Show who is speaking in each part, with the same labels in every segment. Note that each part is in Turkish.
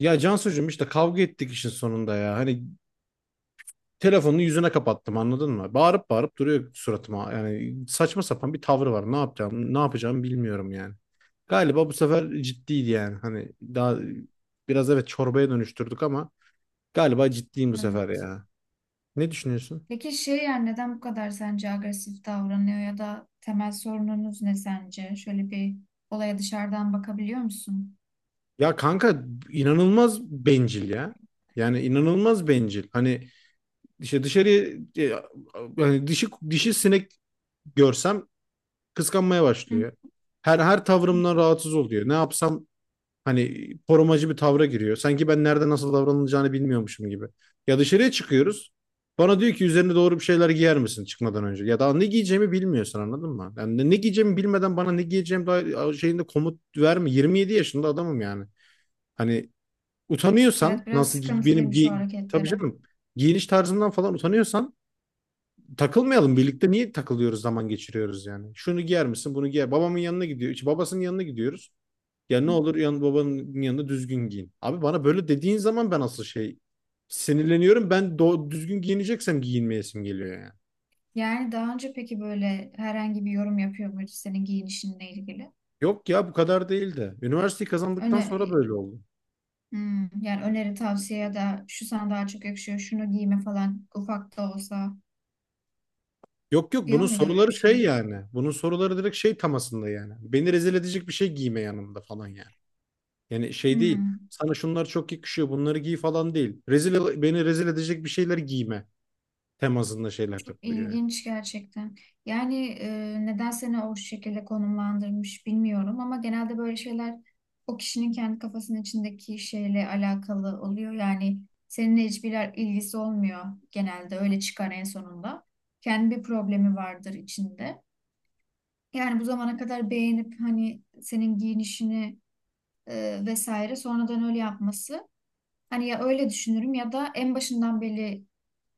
Speaker 1: Ya Cansucuğum işte kavga ettik işin sonunda ya. Hani telefonunu yüzüne kapattım anladın mı? Bağırıp bağırıp duruyor suratıma. Yani saçma sapan bir tavrı var. Ne yapacağımı bilmiyorum yani. Galiba bu sefer ciddiydi yani. Hani daha biraz evet çorbaya dönüştürdük ama galiba ciddiyim bu sefer
Speaker 2: Evet.
Speaker 1: ya. Ne düşünüyorsun?
Speaker 2: Peki yani neden bu kadar sence agresif davranıyor ya da temel sorununuz ne sence? Şöyle bir olaya dışarıdan bakabiliyor musun?
Speaker 1: Ya kanka inanılmaz bencil ya. Yani inanılmaz bencil. Hani işte dışarı e, hani dişi sinek görsem kıskanmaya
Speaker 2: Hı.
Speaker 1: başlıyor. Her tavrımdan rahatsız oluyor. Ne yapsam hani korumacı bir tavra giriyor. Sanki ben nerede nasıl davranılacağını bilmiyormuşum gibi. Ya dışarıya çıkıyoruz. Bana diyor ki üzerine doğru bir şeyler giyer misin çıkmadan önce? Ya daha ne giyeceğimi bilmiyorsun anladın mı? Yani ne giyeceğimi bilmeden bana ne giyeceğim daha şeyinde komut verme. 27 yaşında adamım yani. Hani utanıyorsan
Speaker 2: Evet, biraz
Speaker 1: benim
Speaker 2: sıkıntılıymış o
Speaker 1: gi tabii
Speaker 2: hareketleri.
Speaker 1: canım, giyiniş tarzından falan utanıyorsan takılmayalım birlikte, niye takılıyoruz, zaman geçiriyoruz yani. Şunu giyer misin bunu giyer. Babamın yanına gidiyor. İşte babasının yanına gidiyoruz. Ya ne
Speaker 2: Hı.
Speaker 1: olur babanın yanında düzgün giyin. Abi bana böyle dediğin zaman ben asıl şey sinirleniyorum. Ben düzgün giyineceksem giyinmeyesim geliyor yani.
Speaker 2: Yani daha önce peki böyle herhangi bir yorum yapıyor muydu senin giyinişinle ilgili?
Speaker 1: Yok ya bu kadar değil de. Üniversiteyi kazandıktan
Speaker 2: Öne,
Speaker 1: sonra
Speaker 2: e,
Speaker 1: böyle oldu.
Speaker 2: Hmm, yani öneri, tavsiye ya da şu sana daha çok yakışıyor, şunu giyme falan ufak da olsa
Speaker 1: Yok yok,
Speaker 2: diyor
Speaker 1: bunun
Speaker 2: muydu öyle
Speaker 1: soruları
Speaker 2: bir
Speaker 1: şey
Speaker 2: şey?
Speaker 1: yani. Bunun soruları direkt şey tamasında yani. Beni rezil edecek bir şey giyme yanımda falan yani. Yani şey değil.
Speaker 2: Hmm.
Speaker 1: Sana şunlar çok yakışıyor, bunları giy falan değil. Beni rezil edecek bir şeyler giyme temasında şeyler takılıyor yani.
Speaker 2: İlginç gerçekten. Yani neden seni o şekilde konumlandırmış bilmiyorum ama genelde böyle şeyler o kişinin kendi kafasının içindeki şeyle alakalı oluyor. Yani seninle hiçbir ilgisi olmuyor, genelde öyle çıkar en sonunda. Kendi bir problemi vardır içinde. Yani bu zamana kadar beğenip hani senin giyinişini vesaire sonradan öyle yapması. Hani ya öyle düşünürüm ya da en başından beri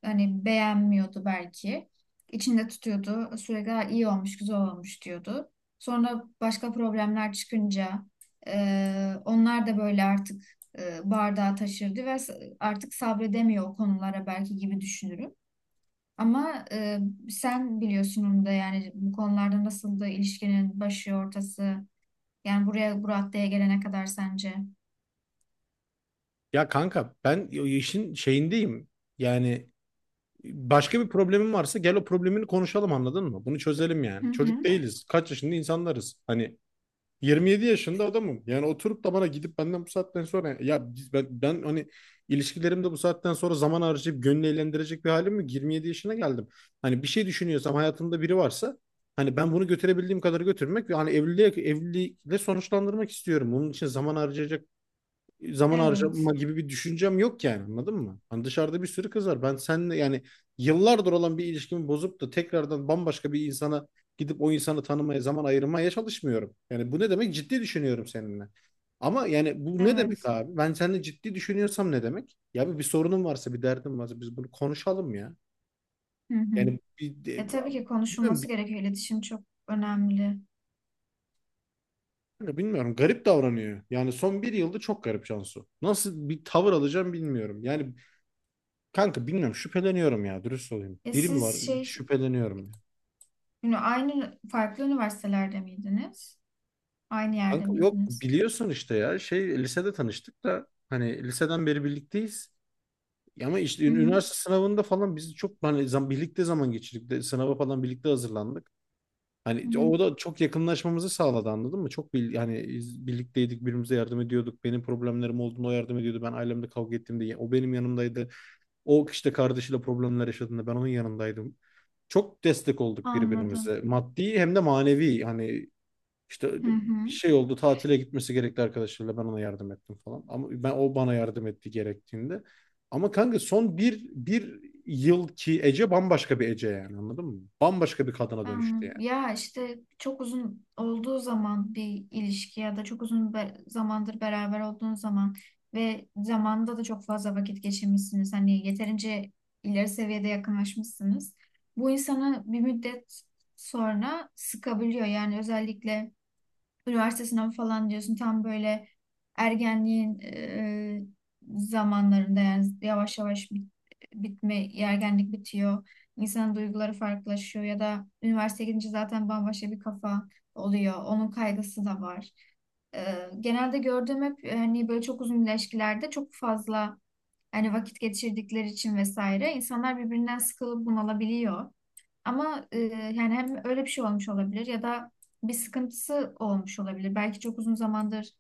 Speaker 2: hani beğenmiyordu belki. İçinde tutuyordu. Sürekli "Ha, iyi olmuş, güzel olmuş" diyordu. Sonra başka problemler çıkınca onlar da böyle artık bardağı taşırdı ve artık sabredemiyor o konulara belki gibi düşünürüm. Ama sen biliyorsun onu da, yani bu konularda nasıl da ilişkinin başı ortası, yani buraya bu raddeye gelene kadar sence?
Speaker 1: Ya kanka ben işin şeyindeyim. Yani başka bir problemin varsa gel o problemini konuşalım anladın mı? Bunu çözelim
Speaker 2: Hı
Speaker 1: yani. Çocuk
Speaker 2: hı.
Speaker 1: değiliz. Kaç yaşında insanlarız. Hani 27 yaşında adamım. Yani oturup da bana gidip benden bu saatten sonra ya ben hani ilişkilerimde bu saatten sonra zaman harcayıp gönlü eğlendirecek bir halim yok. 27 yaşına geldim. Hani bir şey düşünüyorsam, hayatımda biri varsa hani ben bunu götürebildiğim kadar götürmek ve hani evliliğe evlilikle sonuçlandırmak istiyorum. Bunun için zaman
Speaker 2: Evet,
Speaker 1: harcama gibi bir düşüncem yok yani anladın mı? Hani dışarıda bir sürü kız var. Ben seninle yani yıllardır olan bir ilişkimi bozup da tekrardan bambaşka bir insana gidip o insanı tanımaya, zaman ayırmaya çalışmıyorum. Yani bu ne demek? Ciddi düşünüyorum seninle. Ama yani bu ne demek
Speaker 2: evet.
Speaker 1: abi? Ben seninle ciddi düşünüyorsam ne demek? Ya bir sorunum varsa, bir derdim varsa biz bunu konuşalım ya.
Speaker 2: Hı hı.
Speaker 1: Yani
Speaker 2: E tabii ki
Speaker 1: bilmiyorum,
Speaker 2: konuşulması gerekiyor. İletişim çok önemli.
Speaker 1: bilmiyorum, bilmiyorum. Garip davranıyor. Yani son bir yılda çok garip Cansu. Nasıl bir tavır alacağım bilmiyorum. Yani kanka bilmiyorum, şüpheleniyorum ya, dürüst olayım.
Speaker 2: E
Speaker 1: Biri mi
Speaker 2: siz
Speaker 1: var
Speaker 2: şey,
Speaker 1: şüpheleniyorum ya.
Speaker 2: yani aynı farklı üniversitelerde miydiniz? Aynı yerde
Speaker 1: Kanka yok,
Speaker 2: miydiniz?
Speaker 1: biliyorsun işte ya, şey lisede tanıştık da hani liseden beri birlikteyiz. Ama işte
Speaker 2: Hı hı.
Speaker 1: üniversite sınavında falan biz çok hani birlikte zaman geçirdik de sınava falan birlikte hazırlandık.
Speaker 2: Hı
Speaker 1: Hani
Speaker 2: hı.
Speaker 1: o da çok yakınlaşmamızı sağladı anladın mı? Çok hani biz birlikteydik, birbirimize yardım ediyorduk. Benim problemlerim olduğunda o yardım ediyordu. Ben ailemle kavga ettiğimde o benim yanımdaydı. O işte kardeşiyle problemler yaşadığında ben onun yanındaydım. Çok destek olduk
Speaker 2: Anladım.
Speaker 1: birbirimize. Maddi hem de manevi. Hani işte
Speaker 2: Hı
Speaker 1: bir
Speaker 2: hı.
Speaker 1: şey oldu, tatile gitmesi gerekti arkadaşlarıyla, ben ona yardım ettim falan. Ama ben, o bana yardım etti gerektiğinde. Ama kanka son bir yıl ki, Ece bambaşka bir Ece yani anladın mı? Bambaşka bir kadına dönüştü
Speaker 2: Anladım.
Speaker 1: yani.
Speaker 2: Ya işte çok uzun olduğu zaman bir ilişki ya da çok uzun zamandır beraber olduğun zaman ve zamanda da çok fazla vakit geçirmişsiniz. Hani yeterince ileri seviyede yakınlaşmışsınız. Bu insanı bir müddet sonra sıkabiliyor. Yani özellikle üniversite sınavı falan diyorsun, tam böyle ergenliğin zamanlarında, yani yavaş yavaş ergenlik bitiyor. İnsanın duyguları farklılaşıyor ya da üniversiteye gidince zaten bambaşka bir kafa oluyor. Onun kaygısı da var. E, genelde gördüğüm hep hani böyle çok uzun ilişkilerde çok fazla hani vakit geçirdikleri için vesaire insanlar birbirinden sıkılıp bunalabiliyor. Ama yani hem öyle bir şey olmuş olabilir ya da bir sıkıntısı olmuş olabilir. Belki çok uzun zamandır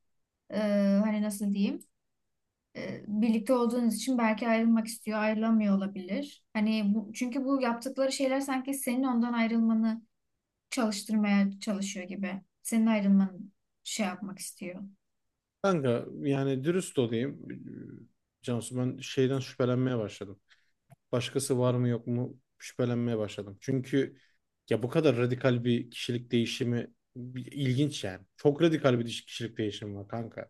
Speaker 2: e, hani nasıl diyeyim, birlikte olduğunuz için belki ayrılmak istiyor, ayrılamıyor olabilir. Hani bu, çünkü bu yaptıkları şeyler sanki senin ondan ayrılmanı çalıştırmaya çalışıyor gibi. Senin ayrılmanı şey yapmak istiyor.
Speaker 1: Kanka yani dürüst olayım. Cansu, ben şeyden şüphelenmeye başladım. Başkası var mı yok mu şüphelenmeye başladım. Çünkü ya bu kadar radikal bir kişilik değişimi ilginç yani. Çok radikal bir kişilik değişimi var kanka.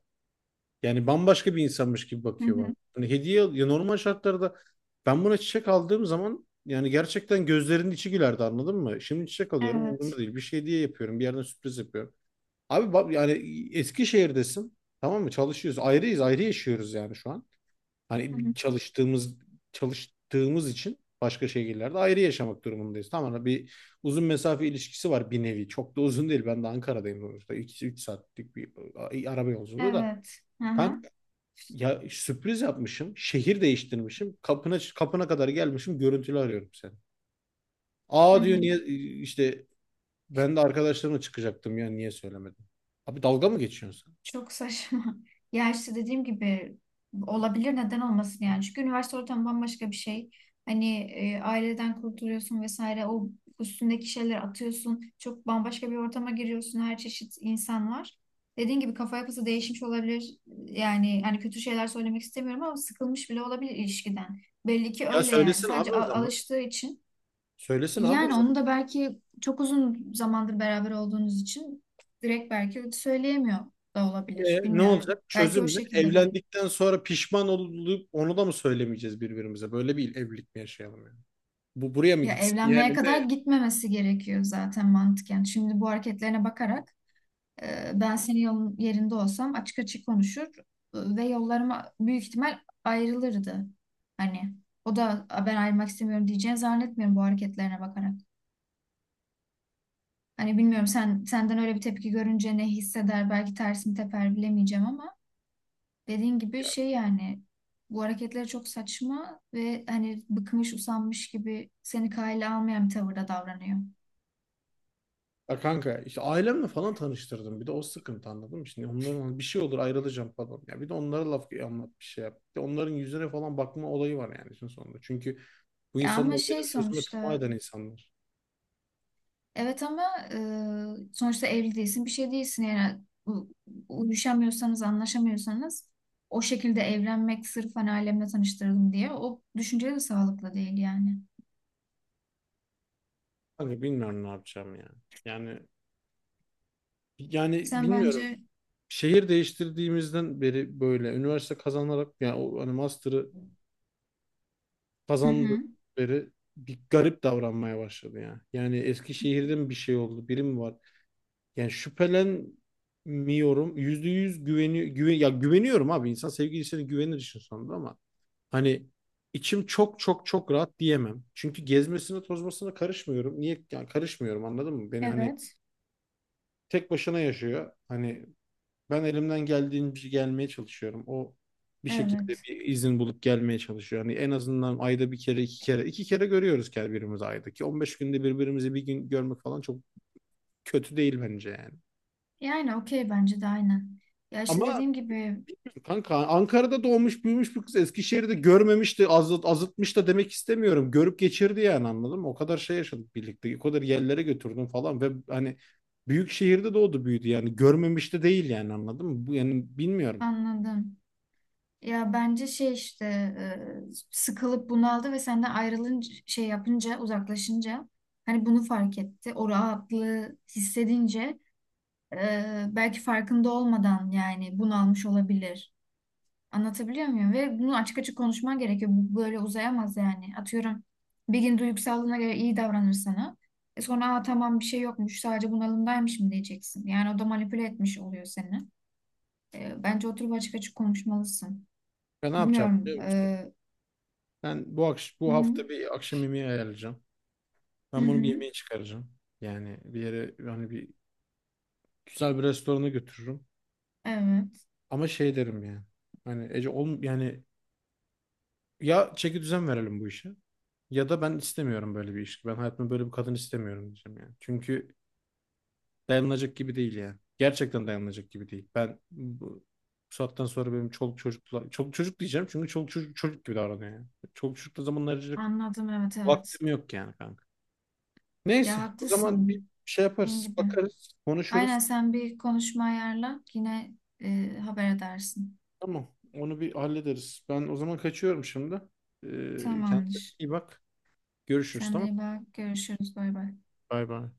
Speaker 1: Yani bambaşka bir insanmış gibi
Speaker 2: Hı
Speaker 1: bakıyor bana.
Speaker 2: hı.
Speaker 1: Hani ya normal şartlarda ben buna çiçek aldığım zaman yani gerçekten gözlerinin içi gülerdi anladın mı? Şimdi çiçek alıyorum, umurumda
Speaker 2: Evet.
Speaker 1: değil. Bir şey hediye yapıyorum. Bir yerden sürpriz yapıyorum. Abi bak yani, Eskişehir'desin. Tamam mı? Çalışıyoruz. Ayrıyız. Ayrı yaşıyoruz yani şu an.
Speaker 2: Hı
Speaker 1: Hani
Speaker 2: hı.
Speaker 1: çalıştığımız için başka şehirlerde ayrı yaşamak durumundayız. Tamam mı? Bir uzun mesafe ilişkisi var bir nevi. Çok da uzun değil. Ben de Ankara'dayım sonuçta. 2-3 saatlik bir araba yolculuğu da.
Speaker 2: Evet. Hı hı.
Speaker 1: Kanka ya sürpriz yapmışım. Şehir değiştirmişim. Kapına kadar gelmişim. Görüntülü arıyorum seni.
Speaker 2: Hı
Speaker 1: Aa diyor,
Speaker 2: hı.
Speaker 1: niye işte ben de arkadaşlarımla çıkacaktım ya, niye söylemedin? Abi dalga mı geçiyorsun
Speaker 2: Çok saçma. Ya işte dediğim gibi, olabilir, neden olmasın yani. Çünkü üniversite ortamı bambaşka bir şey. Hani aileden kurtuluyorsun vesaire, o üstündeki şeyleri atıyorsun. Çok bambaşka bir ortama giriyorsun. Her çeşit insan var. Dediğim gibi, kafa yapısı değişmiş olabilir. Yani hani kötü şeyler söylemek istemiyorum ama sıkılmış bile olabilir ilişkiden. Belli ki
Speaker 1: sen? Ya
Speaker 2: öyle yani.
Speaker 1: söylesin abi
Speaker 2: Sadece
Speaker 1: o zaman.
Speaker 2: alıştığı için,
Speaker 1: Söylesin abi o
Speaker 2: yani
Speaker 1: zaman.
Speaker 2: onu da belki çok uzun zamandır beraber olduğunuz için direkt belki söyleyemiyor da
Speaker 1: E,
Speaker 2: olabilir.
Speaker 1: ne
Speaker 2: Bilmiyorum.
Speaker 1: olacak?
Speaker 2: Belki o
Speaker 1: Çözüm ne?
Speaker 2: şekilde benim.
Speaker 1: Evlendikten sonra pişman olup onu da mı söylemeyeceğiz birbirimize? Böyle bir evlilik mi yaşayalım yani? Bu buraya mı
Speaker 2: Ya
Speaker 1: gitsin?
Speaker 2: evlenmeye
Speaker 1: Yani
Speaker 2: kadar
Speaker 1: ne?
Speaker 2: gitmemesi gerekiyor zaten mantıken. Şimdi bu hareketlerine bakarak ben senin yolun yerinde olsam açık açık konuşur, ve yollarıma büyük ihtimal ayrılırdı. Hani o da "A, ben ayrılmak istemiyorum" diyeceğini zannetmiyorum bu hareketlerine bakarak. Hani bilmiyorum, sen senden öyle bir tepki görünce ne hisseder, belki tersini teper bilemeyeceğim ama dediğin gibi şey yani, bu hareketleri çok saçma ve hani bıkmış usanmış gibi seni kale almayan bir tavırda davranıyor.
Speaker 1: Ya kanka işte ailemle falan tanıştırdım. Bir de o sıkıntı anladın mı? Şimdi onların hani bir şey olur, ayrılacağım falan. Ya bir de onlara laf anlat, bir şey yap. Bir de onların yüzüne falan bakma olayı var yani işin sonunda. Çünkü bu
Speaker 2: Ya ama
Speaker 1: insanlar
Speaker 2: şey,
Speaker 1: benim sözüme tamah
Speaker 2: sonuçta
Speaker 1: eden insanlar.
Speaker 2: evet ama sonuçta evli değilsin, bir şey değilsin yani, u- uyuşamıyorsanız, anlaşamıyorsanız o şekilde evlenmek sırf hani ailemle tanıştırdım diye, o düşünce de sağlıklı değil yani.
Speaker 1: Kanka bilmiyorum ne yapacağım yani. Yani yani
Speaker 2: Sen
Speaker 1: bilmiyorum.
Speaker 2: bence,
Speaker 1: Şehir değiştirdiğimizden beri böyle üniversite kazanarak yani o hani master'ı
Speaker 2: hı hı,
Speaker 1: kazandıkları bir garip davranmaya başladı ya. Yani Eskişehir'de mi bir şey oldu, biri mi var? Yani şüphelenmiyorum. %100 ya güveniyorum abi. İnsan sevgilisine güvenir işin sonunda ama hani içim çok çok çok rahat diyemem. Çünkü gezmesine tozmasına karışmıyorum. Niye yani karışmıyorum anladın mı? Beni hani
Speaker 2: evet
Speaker 1: tek başına yaşıyor. Hani ben elimden geldiğince gelmeye çalışıyorum. O bir şekilde
Speaker 2: evet,
Speaker 1: bir izin bulup gelmeye çalışıyor. Hani en azından ayda bir kere, iki kere görüyoruz ki birbirimizi, ayda ki. 15 günde birbirimizi bir gün görmek falan çok kötü değil bence yani.
Speaker 2: yani okey, bence de aynen. Ya işte
Speaker 1: Ama
Speaker 2: dediğim gibi,
Speaker 1: kanka Ankara'da doğmuş büyümüş bir kız Eskişehir'de görmemiş de azıtmış da demek istemiyorum. Görüp geçirdi yani anladın mı? O kadar şey yaşadık birlikte. O kadar yerlere götürdüm falan ve hani büyük şehirde doğdu büyüdü yani. Görmemiş de değil yani anladın mı? Bu yani bilmiyorum.
Speaker 2: anladım. Ya bence şey işte, sıkılıp bunaldı ve senden ayrılınca, şey yapınca, uzaklaşınca hani bunu fark etti. O rahatlığı hissedince belki farkında olmadan yani bunalmış olabilir. Anlatabiliyor muyum? Ve bunu açık açık konuşman gerekiyor. Bu böyle uzayamaz yani. Atıyorum, bir gün duygusallığına göre iyi davranır sana. E sonra "Aa, tamam, bir şey yokmuş, sadece bunalımdaymış" mı diyeceksin. Yani o da manipüle etmiş oluyor seni. Bence oturup açık açık konuşmalısın.
Speaker 1: Ya ne yapacağım?
Speaker 2: Bilmiyorum.
Speaker 1: Ben
Speaker 2: Hı
Speaker 1: bu
Speaker 2: hı.
Speaker 1: hafta bir akşam yemeği ayarlayacağım.
Speaker 2: Hı
Speaker 1: Ben bunu bir
Speaker 2: hı.
Speaker 1: yemeğe çıkaracağım. Yani bir yere yani bir güzel bir restorana götürürüm.
Speaker 2: Evet.
Speaker 1: Ama şey derim yani. Hani Ece yani, ya çeki düzen verelim bu işe ya da ben istemiyorum böyle bir ilişki. Ben hayatımda böyle bir kadın istemiyorum diyeceğim yani. Çünkü dayanılacak gibi değil yani. Gerçekten dayanılacak gibi değil. Ben bu saatten sonra benim çoluk çocuk diyeceğim çünkü çoluk çocuk gibi davranıyor yani. Çoluk çocukla zaman ayıracak
Speaker 2: Anladım. Evet, evet.
Speaker 1: vaktim yok yani kanka.
Speaker 2: Ya
Speaker 1: Neyse, o zaman bir
Speaker 2: haklısın.
Speaker 1: şey
Speaker 2: Dediğin
Speaker 1: yaparız,
Speaker 2: gibi.
Speaker 1: bakarız,
Speaker 2: Aynen,
Speaker 1: konuşuruz.
Speaker 2: sen bir konuşma ayarla. Yine haber edersin.
Speaker 1: Tamam, onu bir hallederiz. Ben o zaman kaçıyorum şimdi. Kendine
Speaker 2: Tamamdır.
Speaker 1: iyi bak. Görüşürüz,
Speaker 2: Sen de
Speaker 1: tamam.
Speaker 2: iyi bak. Görüşürüz. Bay bay.
Speaker 1: Bay bay.